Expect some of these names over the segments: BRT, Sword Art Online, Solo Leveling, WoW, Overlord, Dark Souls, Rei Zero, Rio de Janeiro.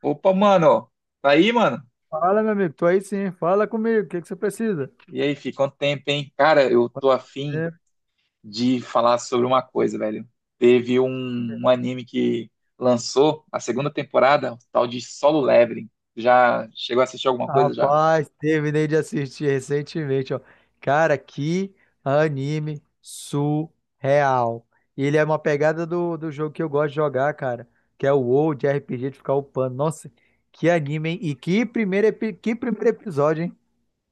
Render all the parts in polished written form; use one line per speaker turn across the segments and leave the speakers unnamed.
Opa, mano, tá aí, mano?
Fala, meu amigo, tô aí sim. Fala comigo, o que que você precisa?
E aí, fi, quanto tempo, hein? Cara, eu tô afim
É.
de falar sobre uma coisa, velho. Teve um anime que lançou a segunda temporada, o tal de Solo Leveling. Já chegou a assistir alguma coisa já?
Rapaz, terminei de assistir recentemente, ó. Cara, que anime surreal. Ele é uma pegada do jogo que eu gosto de jogar, cara, que é o WoW de RPG de ficar upando. Nossa, que anime, hein? E que que primeiro episódio, hein?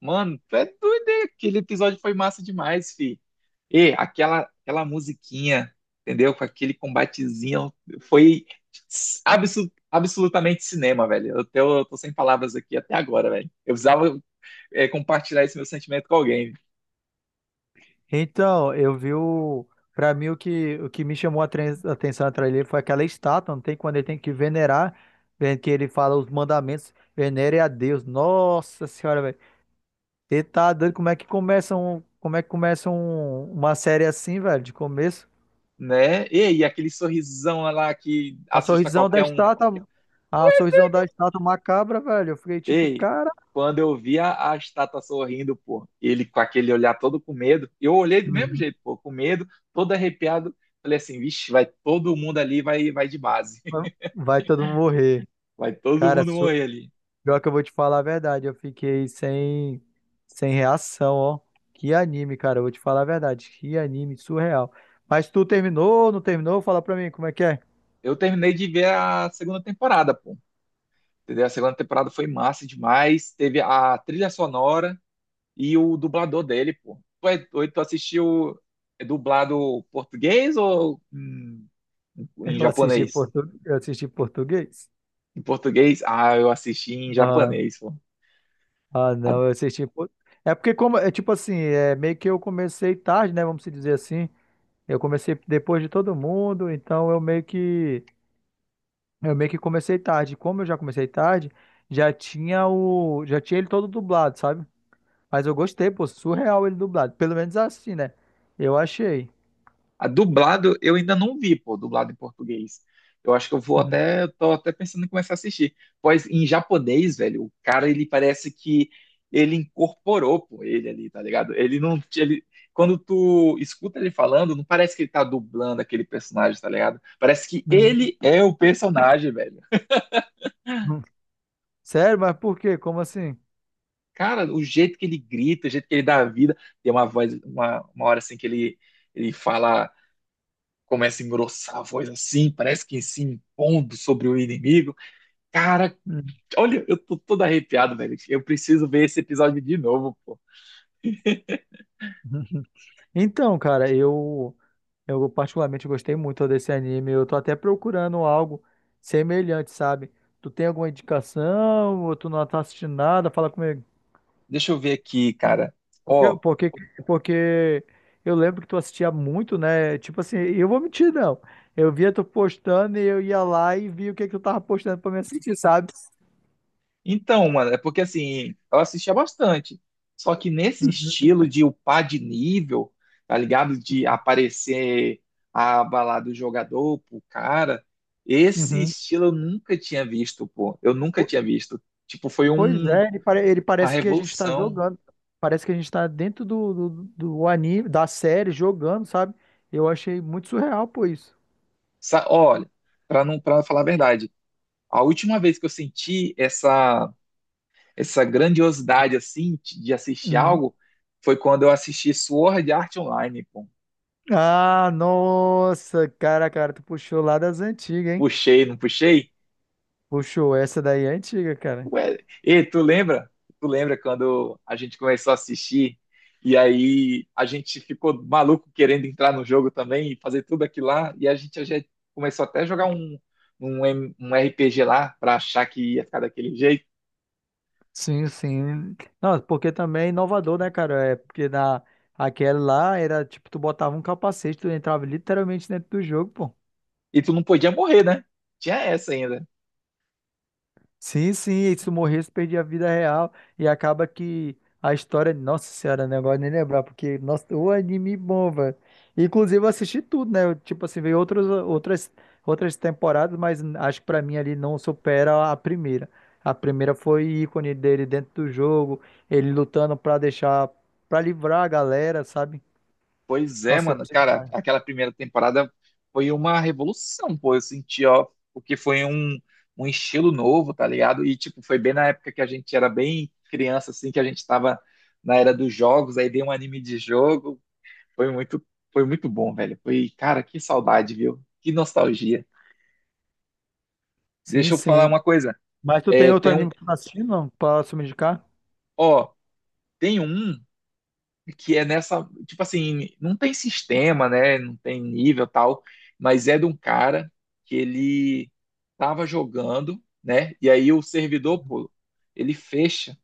Mano, tu é doido, hein? Aquele episódio foi massa demais, fi. E aquela musiquinha, entendeu? Com aquele combatezinho, foi absolutamente cinema, velho. Eu tô sem palavras aqui até agora, velho. Eu precisava é, compartilhar esse meu sentimento com alguém,
Então, eu vi o. Pra mim, o que me chamou a a atenção atrás dele foi aquela estátua, não tem, quando ele tem que venerar, vendo que ele fala os mandamentos, venere a Deus. Nossa senhora, velho. Ele tá doido, como é que começa uma série assim, velho, de começo?
né? Ei, aquele sorrisão lá que
A
assusta
sorrisão da
qualquer um.
estátua, a sorrisão da estátua macabra, velho. Eu fiquei tipo,
Ei,
cara,
quando eu vi a estátua sorrindo, pô, ele com aquele olhar todo com medo, eu olhei do mesmo
uhum,
jeito, pô, com medo, todo arrepiado. Falei assim, vixe, vai todo mundo ali, vai, vai de base.
vai todo mundo morrer.
Vai todo
Cara,
mundo morrer ali.
pior que eu vou te falar a verdade, eu fiquei sem, sem reação, ó. Que anime, cara, eu vou te falar a verdade. Que anime surreal. Mas tu terminou, não terminou? Fala pra mim como é que é.
Eu terminei de ver a segunda temporada, pô. Entendeu? A segunda temporada foi massa demais. Teve a trilha sonora, e o dublador dele, pô. Tu, é, tu assistiu é dublado português ou em, em
Eu assisti
japonês?
portu... eu assisti português.
Em português? Ah, eu assisti em
Ah,
japonês, pô.
ah, não, eu assisti por... É porque, como é tipo assim, é meio que eu comecei tarde, né, vamos se dizer assim. Eu comecei depois de todo mundo, então eu meio que comecei tarde. Como eu já comecei tarde, já tinha ele todo dublado, sabe? Mas eu gostei, pô, surreal ele dublado. Pelo menos assim, né? Eu achei.
A dublado eu ainda não vi, pô, dublado em português. Eu acho que eu vou
Uhum,
até, eu tô até pensando em começar a assistir. Pois em japonês, velho, o cara ele parece que ele incorporou, pô, ele ali, tá ligado? Ele não, ele, quando tu escuta ele falando, não parece que ele tá dublando aquele personagem, tá ligado? Parece que
uhum,
ele é o personagem, velho.
uhum. Sério, mas por quê? Como assim?
Cara, o jeito que ele grita, o jeito que ele dá a vida, tem uma voz, uma hora assim que ele ele fala começa a engrossar a voz assim, parece que se impondo sobre o inimigo. Cara,
Uhum,
olha, eu tô todo arrepiado, velho. Eu preciso ver esse episódio de novo, pô.
uhum. Então, cara, eu particularmente gostei muito desse anime. Eu tô até procurando algo semelhante, sabe? Tu tem alguma indicação? Ou tu não tá assistindo nada? Fala comigo.
Deixa eu ver aqui, cara.
Porque,
Ó,
porque, porque eu lembro que tu assistia muito, né? Tipo assim, eu vou mentir, não. Eu via tu postando e eu ia lá e via o que que tu tava postando pra me assistir, sabe?
então, mano, é porque assim, eu assistia bastante. Só que nesse estilo de upar de nível, tá ligado? De aparecer a balada do jogador pro cara, esse
Uhum.
estilo eu nunca tinha visto, pô. Eu nunca
Po-
tinha visto. Tipo, foi
Pois é, ele, ele
uma
parece que a gente tá
revolução.
jogando. Parece que a gente tá dentro do anime, da série, jogando, sabe? Eu achei muito surreal, pô, isso.
Olha, para não para falar a verdade, a última vez que eu senti essa grandiosidade assim de assistir
Uhum.
algo foi quando eu assisti Sword Art Online, pô.
Ah, nossa, cara, cara, tu puxou lá das antigas, hein?
Puxei, não puxei?
Puxou, essa daí é antiga, cara.
Ué, e tu lembra? Tu lembra quando a gente começou a assistir e aí a gente ficou maluco querendo entrar no jogo também e fazer tudo aquilo lá e a gente já começou até a jogar um RPG lá para achar que ia ficar daquele jeito
Sim, sim. Não, porque também é inovador, né, cara? É porque na aquela lá era tipo, tu botava um capacete, tu entrava literalmente dentro do jogo, pô.
e tu não podia morrer, né? Tinha essa ainda.
Sim, sim, e se tu morresse, perdia a vida real. E acaba que a história. Nossa Senhora, negócio nem lembrar, porque, nossa, o anime bom, velho. Inclusive, eu assisti tudo, né? Eu, tipo assim, veio outros, outras temporadas, mas acho que pra mim ali não supera a primeira. A primeira foi ícone dele dentro do jogo, ele lutando pra deixar, pra livrar a galera, sabe?
Pois é,
Nossa, eu
mano,
gostei
cara,
demais.
aquela primeira temporada foi uma revolução, pô, eu senti, ó, porque foi um estilo novo, tá ligado? E, tipo, foi bem na época que a gente era bem criança, assim, que a gente tava na era dos jogos, aí deu um anime de jogo, foi muito, foi muito bom, velho, foi, cara, que saudade, viu? Que nostalgia.
Sim,
Deixa eu falar
sim.
uma coisa,
Mas tu tem
é,
outro anime que tu tá assistindo, não? Posso me indicar?
ó, tem um que é nessa, tipo assim, não tem sistema, né? Não tem nível tal, mas é de um cara que ele tava jogando, né? E aí o servidor, pô, ele fecha.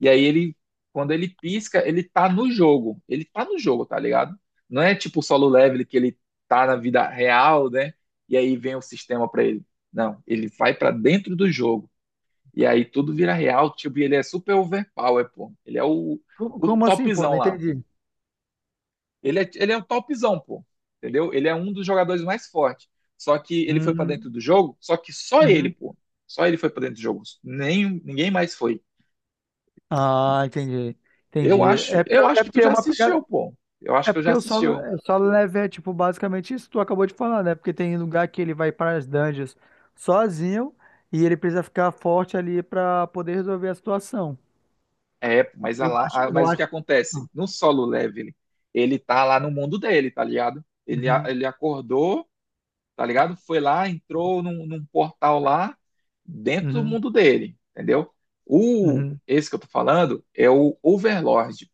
E aí ele, quando ele pisca, ele tá no jogo. Ele tá no jogo, tá ligado? Não é tipo o solo level que ele tá na vida real, né? E aí vem o sistema pra ele. Não, ele vai pra dentro do jogo. E aí tudo vira real, tipo, e ele é super overpower, pô.
Como,
O
como assim, pô?
topzão
Não
lá.
entendi.
Ele é o topzão, pô. Entendeu? Ele é um dos jogadores mais fortes. Só que ele foi pra dentro
Hum,
do jogo, só que só ele,
uhum.
pô. Só ele foi pra dentro do jogo. Nem, ninguém mais foi.
Ah, entendi. Entendi. É porque,
Eu acho
é
que tu
porque é
já
uma
assistiu,
pegada.
pô. Eu acho
É
que eu já
porque
assistiu.
o solo level é tipo basicamente isso que tu acabou de falar, né? Porque tem lugar que ele vai para as dungeons sozinho e ele precisa ficar forte ali para poder resolver a situação.
É, pô, mas, a lá,
Eu
mas o que
acho.
acontece? No solo leveling, ele tá lá no mundo dele, tá ligado? Ele,
Uhum,
ele acordou, tá ligado? Foi lá, entrou num portal lá, dentro do
uhum,
mundo dele, entendeu? O,
uhum.
esse que eu tô falando é o Overlord.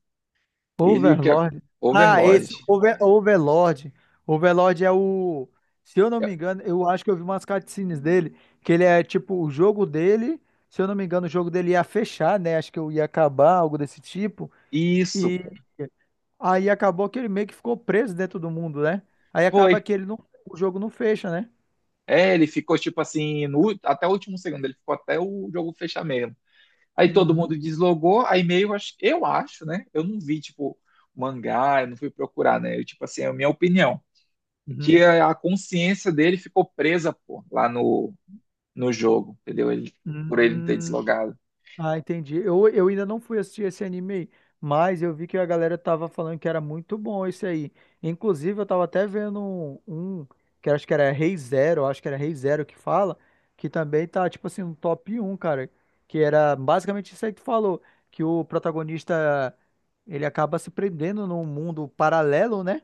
Ele e o que é
Overlord. Ah, esse,
Overlord.
Overlord. Overlord é o. Se eu não me engano, eu acho que eu vi umas cutscenes dele, que ele é tipo o jogo dele. Se eu não me engano, o jogo dele ia fechar, né? Acho que eu ia acabar, algo desse tipo.
Isso,
E
pô.
aí acabou que ele meio que ficou preso dentro do mundo, né? Aí acaba
Foi.
que ele não, o jogo não fecha, né?
É, ele ficou tipo assim, no ú- até o último segundo, ele ficou até o jogo fechar mesmo. Aí todo
Uhum.
mundo deslogou, aí meio, eu acho, né? Eu não vi, tipo, mangá, eu não fui procurar, né? Eu, tipo assim, é a minha opinião. Que
Uhum.
a consciência dele ficou presa, pô, lá no, no jogo, entendeu? Ele, por ele não ter
Hum,
deslogado.
ah, entendi. Eu ainda não fui assistir esse anime aí, mas eu vi que a galera tava falando que era muito bom esse aí. Inclusive, eu tava até vendo um, um que eu acho que era Rei Zero, eu acho que era Rei Zero que fala, que também tá, tipo assim, no top um, cara. Que era basicamente isso aí que tu falou, que o protagonista, ele acaba se prendendo num mundo paralelo, né?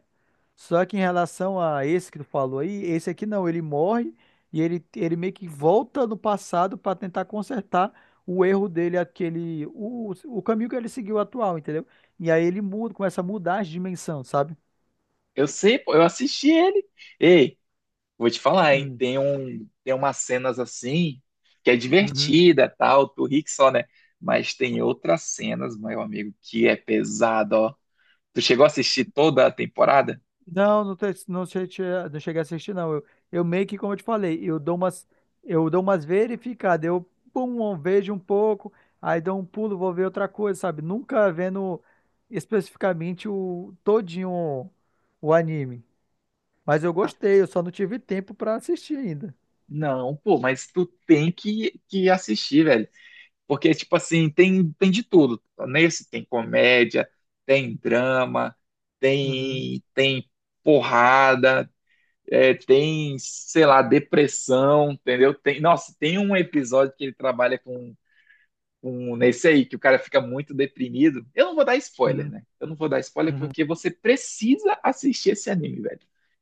Só que em relação a esse que tu falou aí, esse aqui não, ele morre e ele meio que volta no passado para tentar consertar o erro dele, aquele, o caminho que ele seguiu atual, entendeu? E aí ele muda, começa a mudar as dimensões, sabe?
Eu sei, pô, eu assisti ele. Ei, vou te falar, hein?
Hum,
Tem umas cenas assim que é
uhum.
divertida, tal, tu ri que só, né? Mas tem outras cenas, meu amigo, que é pesado, ó. Tu chegou a assistir toda a temporada?
Não, não, não, não cheguei a assistir, não. Eu meio que, como eu te falei, eu dou umas verificadas. Eu pum, eu vejo um pouco, aí dou um pulo, vou ver outra coisa, sabe? Nunca vendo especificamente o todinho o anime. Mas eu
Ah,
gostei, eu só não tive tempo pra assistir ainda.
não, pô, mas tu tem que assistir, velho. Porque, tipo assim, tem de tudo. Nesse tem comédia, tem drama,
Uhum,
tem porrada, é, tem, sei lá, depressão, entendeu? Tem, nossa, tem um episódio que ele trabalha com um nesse aí, que o cara fica muito deprimido. Eu não vou dar spoiler,
uhum,
né? Eu não vou dar spoiler
uhum.
porque você precisa assistir esse anime, velho.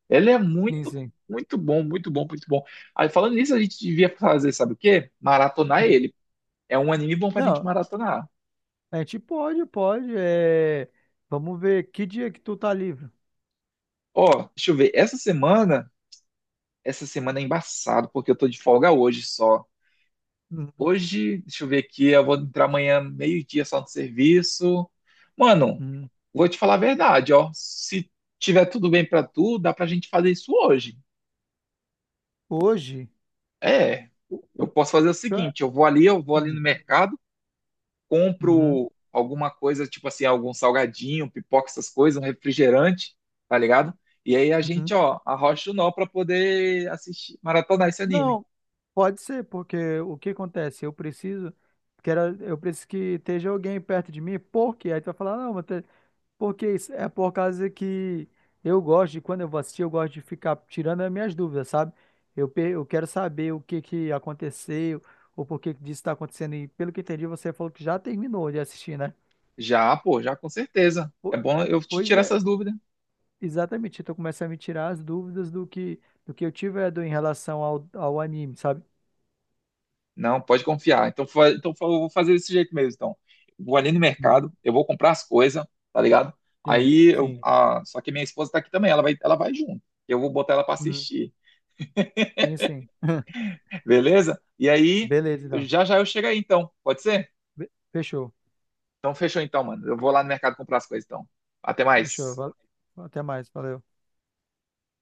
Ele é
Sim,
muito,
sim.
muito bom, muito bom, muito bom. Aí, falando nisso, a gente devia fazer, sabe o quê? Maratonar
Uhum.
ele. É um anime bom pra gente
Não,
maratonar.
a gente pode, pode. É, vamos ver que dia que tu tá livre.
Ó, deixa eu ver. Essa semana é embaçado, porque eu tô de folga hoje só.
Uhum,
Hoje, deixa eu ver aqui, eu vou entrar amanhã meio-dia só no serviço. Mano,
uhum.
vou te falar a verdade, ó. Se tiver tudo bem pra tu, dá pra gente fazer isso hoje.
Hoje.
É,
o-
eu posso fazer o
Ca-
seguinte, eu vou ali
hum.
no mercado,
Uhum,
compro alguma coisa, tipo assim, algum salgadinho, pipoca, essas coisas, um refrigerante, tá ligado? E aí a gente,
uhum.
ó, arrocha o nó pra poder assistir, maratonar esse anime.
Não, pode ser, porque o que acontece? Eu preciso, quero, eu preciso que esteja alguém perto de mim, porque aí tu vai falar, "Ah, não, mas porque isso é por causa que eu gosto de, quando eu vou assistir, eu gosto de ficar tirando as minhas dúvidas, sabe? Eu, eu quero saber o que que aconteceu, ou por que que disso está acontecendo, e pelo que entendi, você falou que já terminou de assistir, né?
Já, pô, já com certeza. É
Po-
bom eu te
Pois
tirar
é,
essas dúvidas.
exatamente, então começa a me tirar as dúvidas do que eu tive em relação ao, ao anime, sabe?
Não, pode confiar. Então, eu vou fazer desse jeito mesmo. Então, vou ali no mercado, eu vou comprar as coisas, tá ligado?
Sim,
Aí, eu,
sim.
ah, só que minha esposa tá aqui também, ela vai junto. Eu vou botar ela pra
Uhum,
assistir,
sim, sim.
beleza? E aí,
Beleza, então.
já já eu chego aí, então. Pode ser?
Fechou.
Então, fechou então, mano. Eu vou lá no mercado comprar as coisas, então. Até
Fechou.
mais.
Até mais. Valeu.